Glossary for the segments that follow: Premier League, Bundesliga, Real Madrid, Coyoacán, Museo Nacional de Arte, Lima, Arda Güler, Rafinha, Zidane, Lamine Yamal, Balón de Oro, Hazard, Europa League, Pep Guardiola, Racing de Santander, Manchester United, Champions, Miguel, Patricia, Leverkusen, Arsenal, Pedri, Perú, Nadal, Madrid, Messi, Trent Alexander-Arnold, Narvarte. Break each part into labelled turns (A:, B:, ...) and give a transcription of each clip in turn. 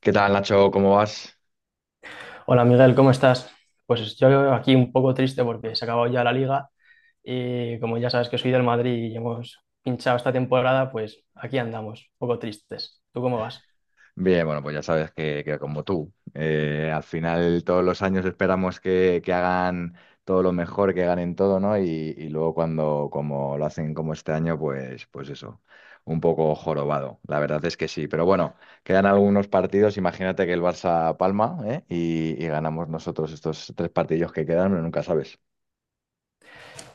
A: ¿Qué tal, Nacho? ¿Cómo vas?
B: Hola Miguel, ¿cómo estás? Pues yo aquí un poco triste porque se ha acabado ya la liga y como ya sabes que soy del Madrid y hemos pinchado esta temporada, pues aquí andamos, un poco tristes. ¿Tú cómo vas?
A: Bien, bueno, pues ya sabes que como tú, al final todos los años esperamos que hagan todo lo mejor, que ganen todo, ¿no? Y luego cuando como lo hacen como este año, pues eso, un poco jorobado. La verdad es que sí. Pero bueno, quedan algunos partidos. Imagínate que el Barça palma, ¿eh? Y ganamos nosotros estos tres partidos que quedan, pero nunca sabes.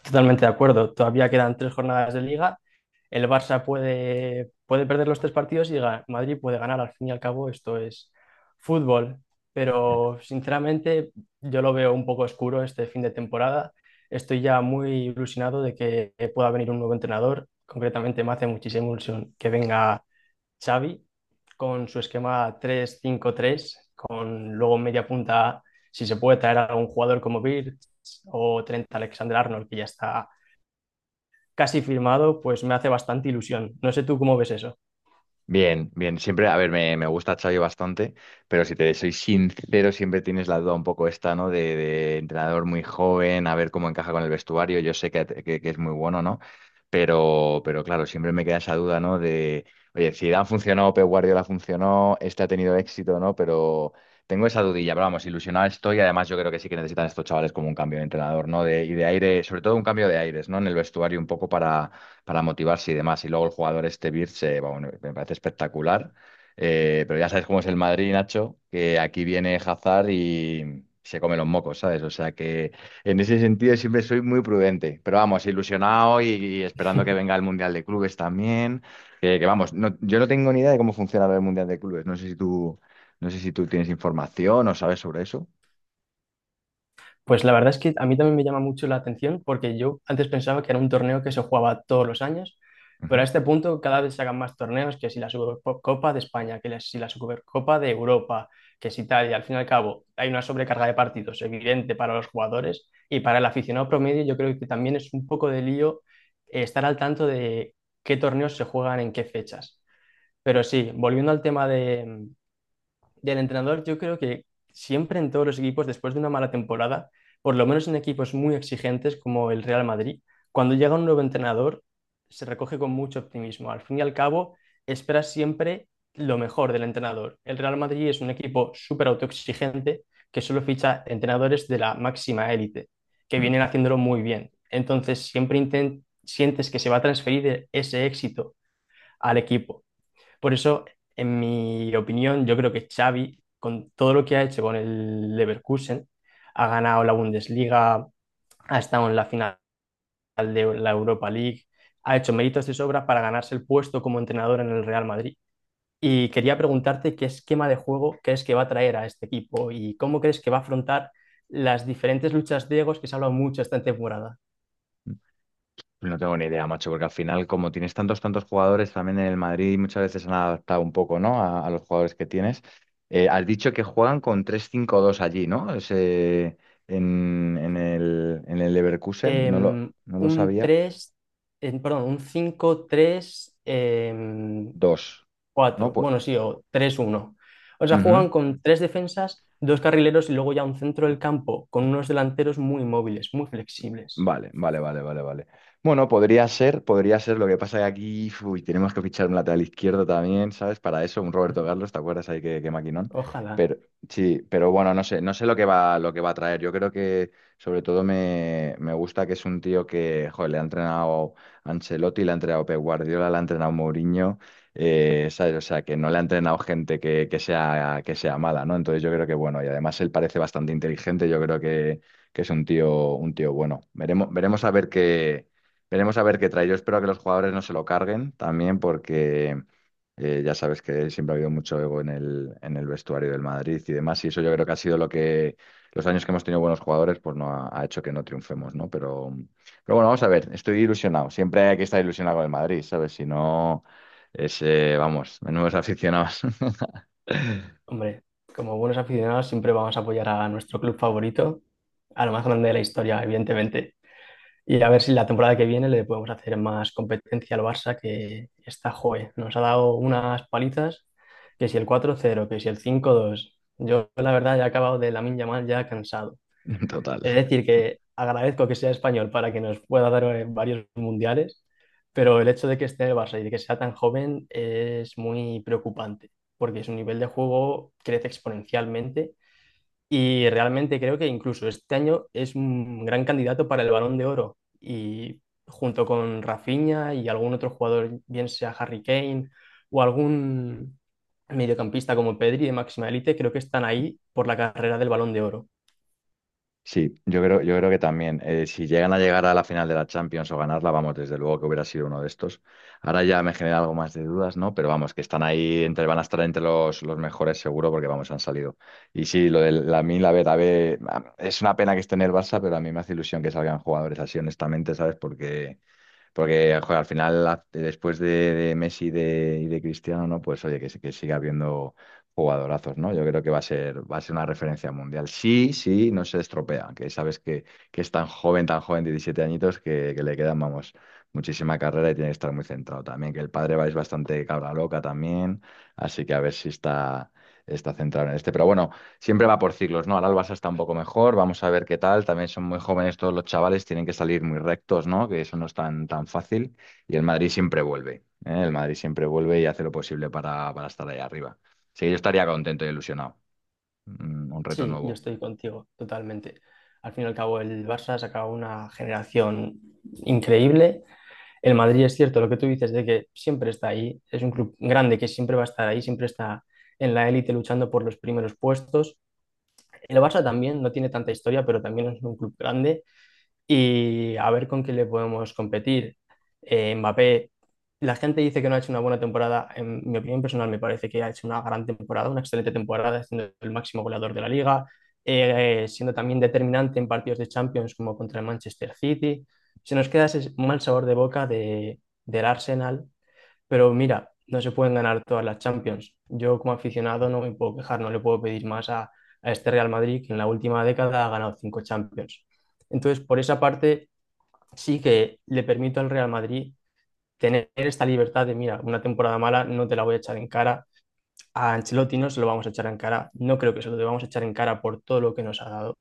B: Totalmente de acuerdo, todavía quedan tres jornadas de liga. El Barça puede perder los tres partidos y Madrid puede ganar. Al fin y al cabo, esto es fútbol. Pero sinceramente, yo lo veo un poco oscuro este fin de temporada. Estoy ya muy ilusionado de que pueda venir un nuevo entrenador. Concretamente, me hace muchísima ilusión que venga Xavi con su esquema 3-5-3 con luego media punta, si se puede traer a un jugador como Birch o Trent Alexander-Arnold, que ya está casi firmado, pues me hace bastante ilusión. No sé tú cómo ves eso.
A: Bien, bien, siempre, a ver, me gusta Xavi bastante, pero si te soy sincero, siempre tienes la duda un poco esta, ¿no? De entrenador muy joven, a ver cómo encaja con el vestuario, yo sé que es muy bueno, ¿no? Pero claro, siempre me queda esa duda, ¿no? De, oye, Zidane funcionó, Pep Guardiola funcionó, este ha tenido éxito, ¿no? Pero tengo esa dudilla, pero vamos, ilusionado estoy, además yo creo que sí que necesitan estos chavales como un cambio de entrenador, ¿no? De, y de aire, sobre todo un cambio de aires, ¿no? En el vestuario un poco para motivarse y demás. Y luego el jugador este Birch, bueno, me parece espectacular. Pero ya sabes cómo es el Madrid, Nacho, que aquí viene Hazard y se come los mocos, ¿sabes? O sea que en ese sentido siempre soy muy prudente. Pero vamos, ilusionado y esperando que venga el Mundial de Clubes también. Que vamos, yo no tengo ni idea de cómo funciona el Mundial de Clubes. No sé si tú tienes información o sabes sobre eso.
B: Pues la verdad es que a mí también me llama mucho la atención porque yo antes pensaba que era un torneo que se jugaba todos los años, pero a
A: Ujú.
B: este punto cada vez se hagan más torneos, que si la Supercopa de España, que si la Supercopa de Europa, que si tal, y al fin y al cabo hay una sobrecarga de partidos evidente para los jugadores y para el aficionado promedio yo creo que también es un poco de lío, estar al tanto de qué torneos se juegan en qué fechas. Pero sí, volviendo al tema de, mm, del entrenador, yo creo que siempre en todos los equipos, después de una mala temporada, por lo menos en equipos muy exigentes como el Real Madrid, cuando llega un nuevo entrenador, se recoge con mucho optimismo. Al fin y al cabo, esperas siempre lo mejor del entrenador. El Real Madrid es un equipo súper autoexigente que solo ficha entrenadores de la máxima élite, que
A: Mm.
B: vienen haciéndolo muy bien. Entonces, siempre sientes que se va a transferir ese éxito al equipo. Por eso, en mi opinión, yo creo que Xavi, con todo lo que ha hecho con el Leverkusen, ha ganado la Bundesliga, ha estado en la final de la Europa League, ha hecho méritos de sobra para ganarse el puesto como entrenador en el Real Madrid. Y quería preguntarte qué esquema de juego crees que va a traer a este equipo y cómo crees que va a afrontar las diferentes luchas de egos que se ha hablado mucho esta temporada.
A: No tengo ni idea, macho, porque al final, como tienes tantos jugadores, también en el Madrid muchas veces han adaptado un poco, ¿no? A los jugadores que tienes. Has dicho que juegan con 3-5-2 allí, ¿no? En el Leverkusen,
B: Em,
A: no lo
B: un
A: sabía.
B: tres, perdón, un cinco tres.
A: Dos, ¿no?
B: Cuatro,
A: Pues,
B: bueno, sí, o tres, uno. O sea,
A: ujú.
B: juegan con tres defensas, dos carrileros y luego ya un centro del campo, con unos delanteros muy móviles, muy flexibles.
A: Vale, vale, vale, vale, vale. Bueno, podría ser, podría ser. Lo que pasa que aquí, uy, tenemos que fichar un lateral izquierdo también, ¿sabes? Para eso, un Roberto Carlos, ¿te acuerdas ahí que maquinón?
B: Ojalá.
A: Pero sí, pero bueno, no sé, no sé lo que va a traer. Yo creo que sobre todo me gusta que es un tío que, joder, le ha entrenado Ancelotti, le ha entrenado Pep Guardiola, le ha entrenado Mourinho, ¿sabes? O sea, que no le ha entrenado gente que sea mala, ¿no? Entonces yo creo que, bueno, y además él parece bastante inteligente, yo creo que es un tío bueno. Veremos a ver qué trae. Yo espero que los jugadores no se lo carguen también, porque ya sabes que siempre ha habido mucho ego en el vestuario del Madrid y demás. Y eso yo creo que ha sido lo que los años que hemos tenido buenos jugadores, pues no ha hecho que no triunfemos, ¿no? Pero bueno, vamos a ver. Estoy ilusionado. Siempre hay que estar ilusionado con el Madrid, ¿sabes? Si no, vamos, menudos aficionados.
B: Hombre, como buenos aficionados siempre vamos a apoyar a nuestro club favorito, a lo más grande de la historia, evidentemente. Y a ver si la temporada que viene le podemos hacer más competencia al Barça, que está, joe, nos ha dado unas palizas, que si el 4-0, que si el 5-2. Yo, la verdad, ya he acabado de Lamine Yamal, ya cansado.
A: Total.
B: Es decir, que agradezco que sea español para que nos pueda dar, varios mundiales, pero el hecho de que esté en el Barça y de que sea tan joven es muy preocupante, porque su nivel de juego crece exponencialmente y realmente creo que incluso este año es un gran candidato para el Balón de Oro, y junto con Rafinha y algún otro jugador, bien sea Harry Kane o algún mediocampista como Pedri de máxima élite, creo que están ahí por la carrera del Balón de Oro.
A: Sí, yo creo que también. Si llegan a llegar a la final de la Champions o ganarla, vamos, desde luego que hubiera sido uno de estos. Ahora ya me genera algo más de dudas, ¿no? Pero vamos, que están ahí, van a estar entre los mejores seguro, porque vamos, han salido. Y sí, lo de la Mil, a ver, es una pena que esté en el Barça, pero a mí me hace ilusión que salgan jugadores así, honestamente, ¿sabes? Porque joder, al final, después de Messi y de Cristiano, ¿no? Pues oye, que siga habiendo jugadorazos, ¿no? Yo creo que va a ser una referencia mundial. Sí, sí, no se estropea, que sabes que es tan joven, 17 añitos, que le quedan, vamos, muchísima carrera y tiene que estar muy centrado también. Que el padre va es bastante cabra loca también, así que a ver si está centrado en este. Pero bueno siempre va por ciclos, ¿no? Ahora el Barça está un poco mejor, vamos a ver qué tal. También son muy jóvenes todos los chavales, tienen que salir muy rectos, ¿no? Que eso no es tan, tan fácil. Y el Madrid siempre vuelve, ¿eh? El Madrid siempre vuelve y hace lo posible para estar ahí arriba. Sí, yo estaría contento y ilusionado. Un reto
B: Sí, yo
A: nuevo.
B: estoy contigo totalmente. Al fin y al cabo, el Barça ha sacado una generación increíble. El Madrid, es cierto lo que tú dices, de que siempre está ahí. Es un club grande que siempre va a estar ahí, siempre está en la élite luchando por los primeros puestos. El Barça también no tiene tanta historia, pero también es un club grande y a ver con quién le podemos competir. Mbappé, la gente dice que no ha hecho una buena temporada. En mi opinión personal, me parece que ha hecho una gran temporada, una excelente temporada, siendo el máximo goleador de la liga, siendo también determinante en partidos de Champions como contra el Manchester City. Se nos queda ese mal sabor de boca del Arsenal, pero mira, no se pueden ganar todas las Champions. Yo como aficionado no me puedo quejar, no le puedo pedir más a este Real Madrid, que en la última década ha ganado cinco Champions. Entonces, por esa parte, sí que le permito al Real Madrid tener esta libertad de, mira, una temporada mala no te la voy a echar en cara. A Ancelotti no se lo vamos a echar en cara. No creo que se lo debamos echar en cara por todo lo que nos ha dado.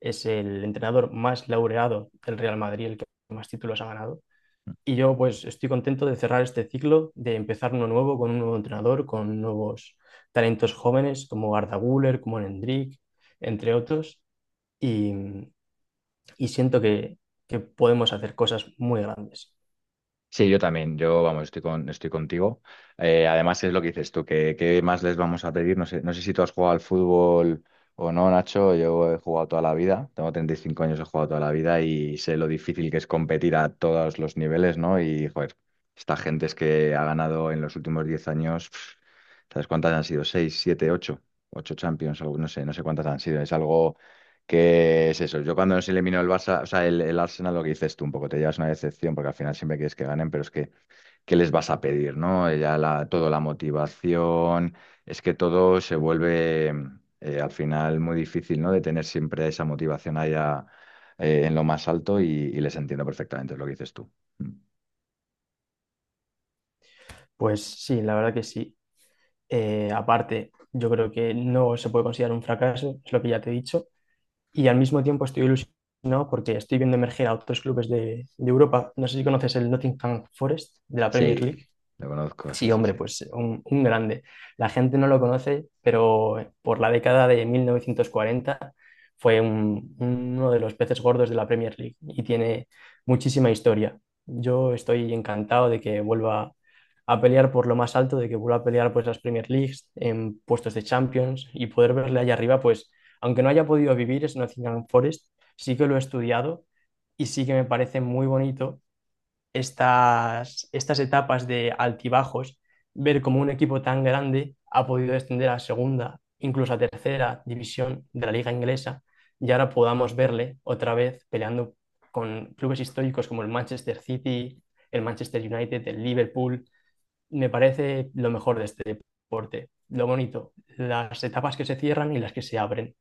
B: Es el entrenador más laureado del Real Madrid, el que más títulos ha ganado. Y yo pues estoy contento de cerrar este ciclo, de empezar uno nuevo con un nuevo entrenador, con nuevos talentos jóvenes como Arda Güler, como Hendrik, entre otros, y, y siento que podemos hacer cosas muy grandes.
A: Sí, yo también, yo vamos, estoy contigo. Además es lo que dices tú, que qué más les vamos a pedir. No sé si tú has jugado al fútbol o no, Nacho. Yo he jugado toda la vida, tengo 35 años, he jugado toda la vida y sé lo difícil que es competir a todos los niveles, ¿no? Y joder, esta gente es que ha ganado en los últimos 10 años, pf, ¿sabes cuántas han sido? ¿Seis, siete, ocho? Ocho Champions, algo, no sé, no sé cuántas han sido. Es algo que es eso. Yo cuando nos eliminó el Barça, o sea, el Arsenal, lo que dices tú, un poco te llevas una decepción porque al final siempre quieres que ganen, pero es que, ¿qué les vas a pedir, no? Ya toda la motivación, es que todo se vuelve al final muy difícil, ¿no? De tener siempre esa motivación allá en lo más alto y les entiendo perfectamente es lo que dices tú. Mm.
B: Pues sí, la verdad que sí. Aparte, yo creo que no se puede considerar un fracaso, es lo que ya te he dicho, y al mismo tiempo estoy ilusionado porque estoy viendo emerger a otros clubes de Europa. No sé si conoces el Nottingham Forest de la Premier
A: Sí,
B: League.
A: lo conozco, sí,
B: Sí,
A: sí,
B: hombre,
A: sí.
B: pues un grande. La gente no lo conoce, pero por la década de 1940 uno de los peces gordos de la Premier League y tiene muchísima historia. Yo estoy encantado de que vuelva a pelear por lo más alto, de que vuelva a pelear pues las Premier Leagues en puestos de Champions y poder verle allá arriba, pues aunque no haya podido vivir en Nottingham Forest, sí que lo he estudiado y sí que me parece muy bonito estas etapas de altibajos, ver cómo un equipo tan grande ha podido descender a segunda, incluso a tercera división de la liga inglesa, y ahora podamos verle otra vez peleando con clubes históricos como el Manchester City, el Manchester United, el Liverpool. Me parece lo mejor de este deporte, lo bonito, las etapas que se cierran y las que se abren.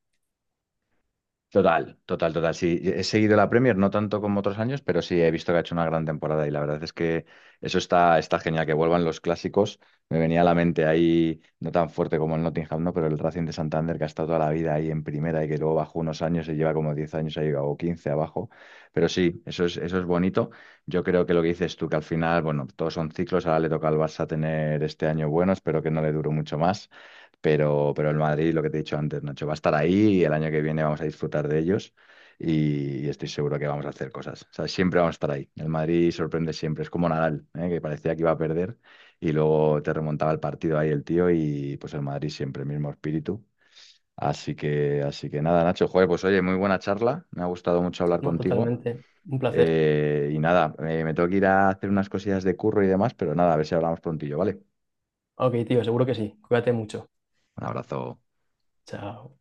A: Total, total, total. Sí, he seguido la Premier, no tanto como otros años, pero sí he visto que ha hecho una gran temporada y la verdad es que eso está genial, que vuelvan los clásicos. Me venía a la mente ahí, no tan fuerte como el Nottingham, ¿no? Pero el Racing de Santander, que ha estado toda la vida ahí en primera y que luego bajó unos años y lleva como 10 años ahí o 15 abajo. Pero sí, eso es bonito. Yo creo que lo que dices tú, que al final, bueno, todos son ciclos, ahora le toca al Barça tener este año bueno, espero que no le dure mucho más. Pero el Madrid, lo que te he dicho antes, Nacho, va a estar ahí y el año que viene vamos a disfrutar de ellos y estoy seguro que vamos a hacer cosas. O sea, siempre vamos a estar ahí. El Madrid sorprende siempre. Es como Nadal, ¿eh? Que parecía que iba a perder y luego te remontaba el partido ahí el tío y pues el Madrid siempre, el mismo espíritu. Así que nada, Nacho, joder, pues oye, muy buena charla. Me ha gustado mucho hablar
B: No,
A: contigo.
B: totalmente. Un placer.
A: Y nada, me tengo que ir a hacer unas cosillas de curro y demás, pero nada, a ver si hablamos prontillo, ¿vale?
B: Ok, tío, seguro que sí. Cuídate mucho.
A: Un abrazo.
B: Chao.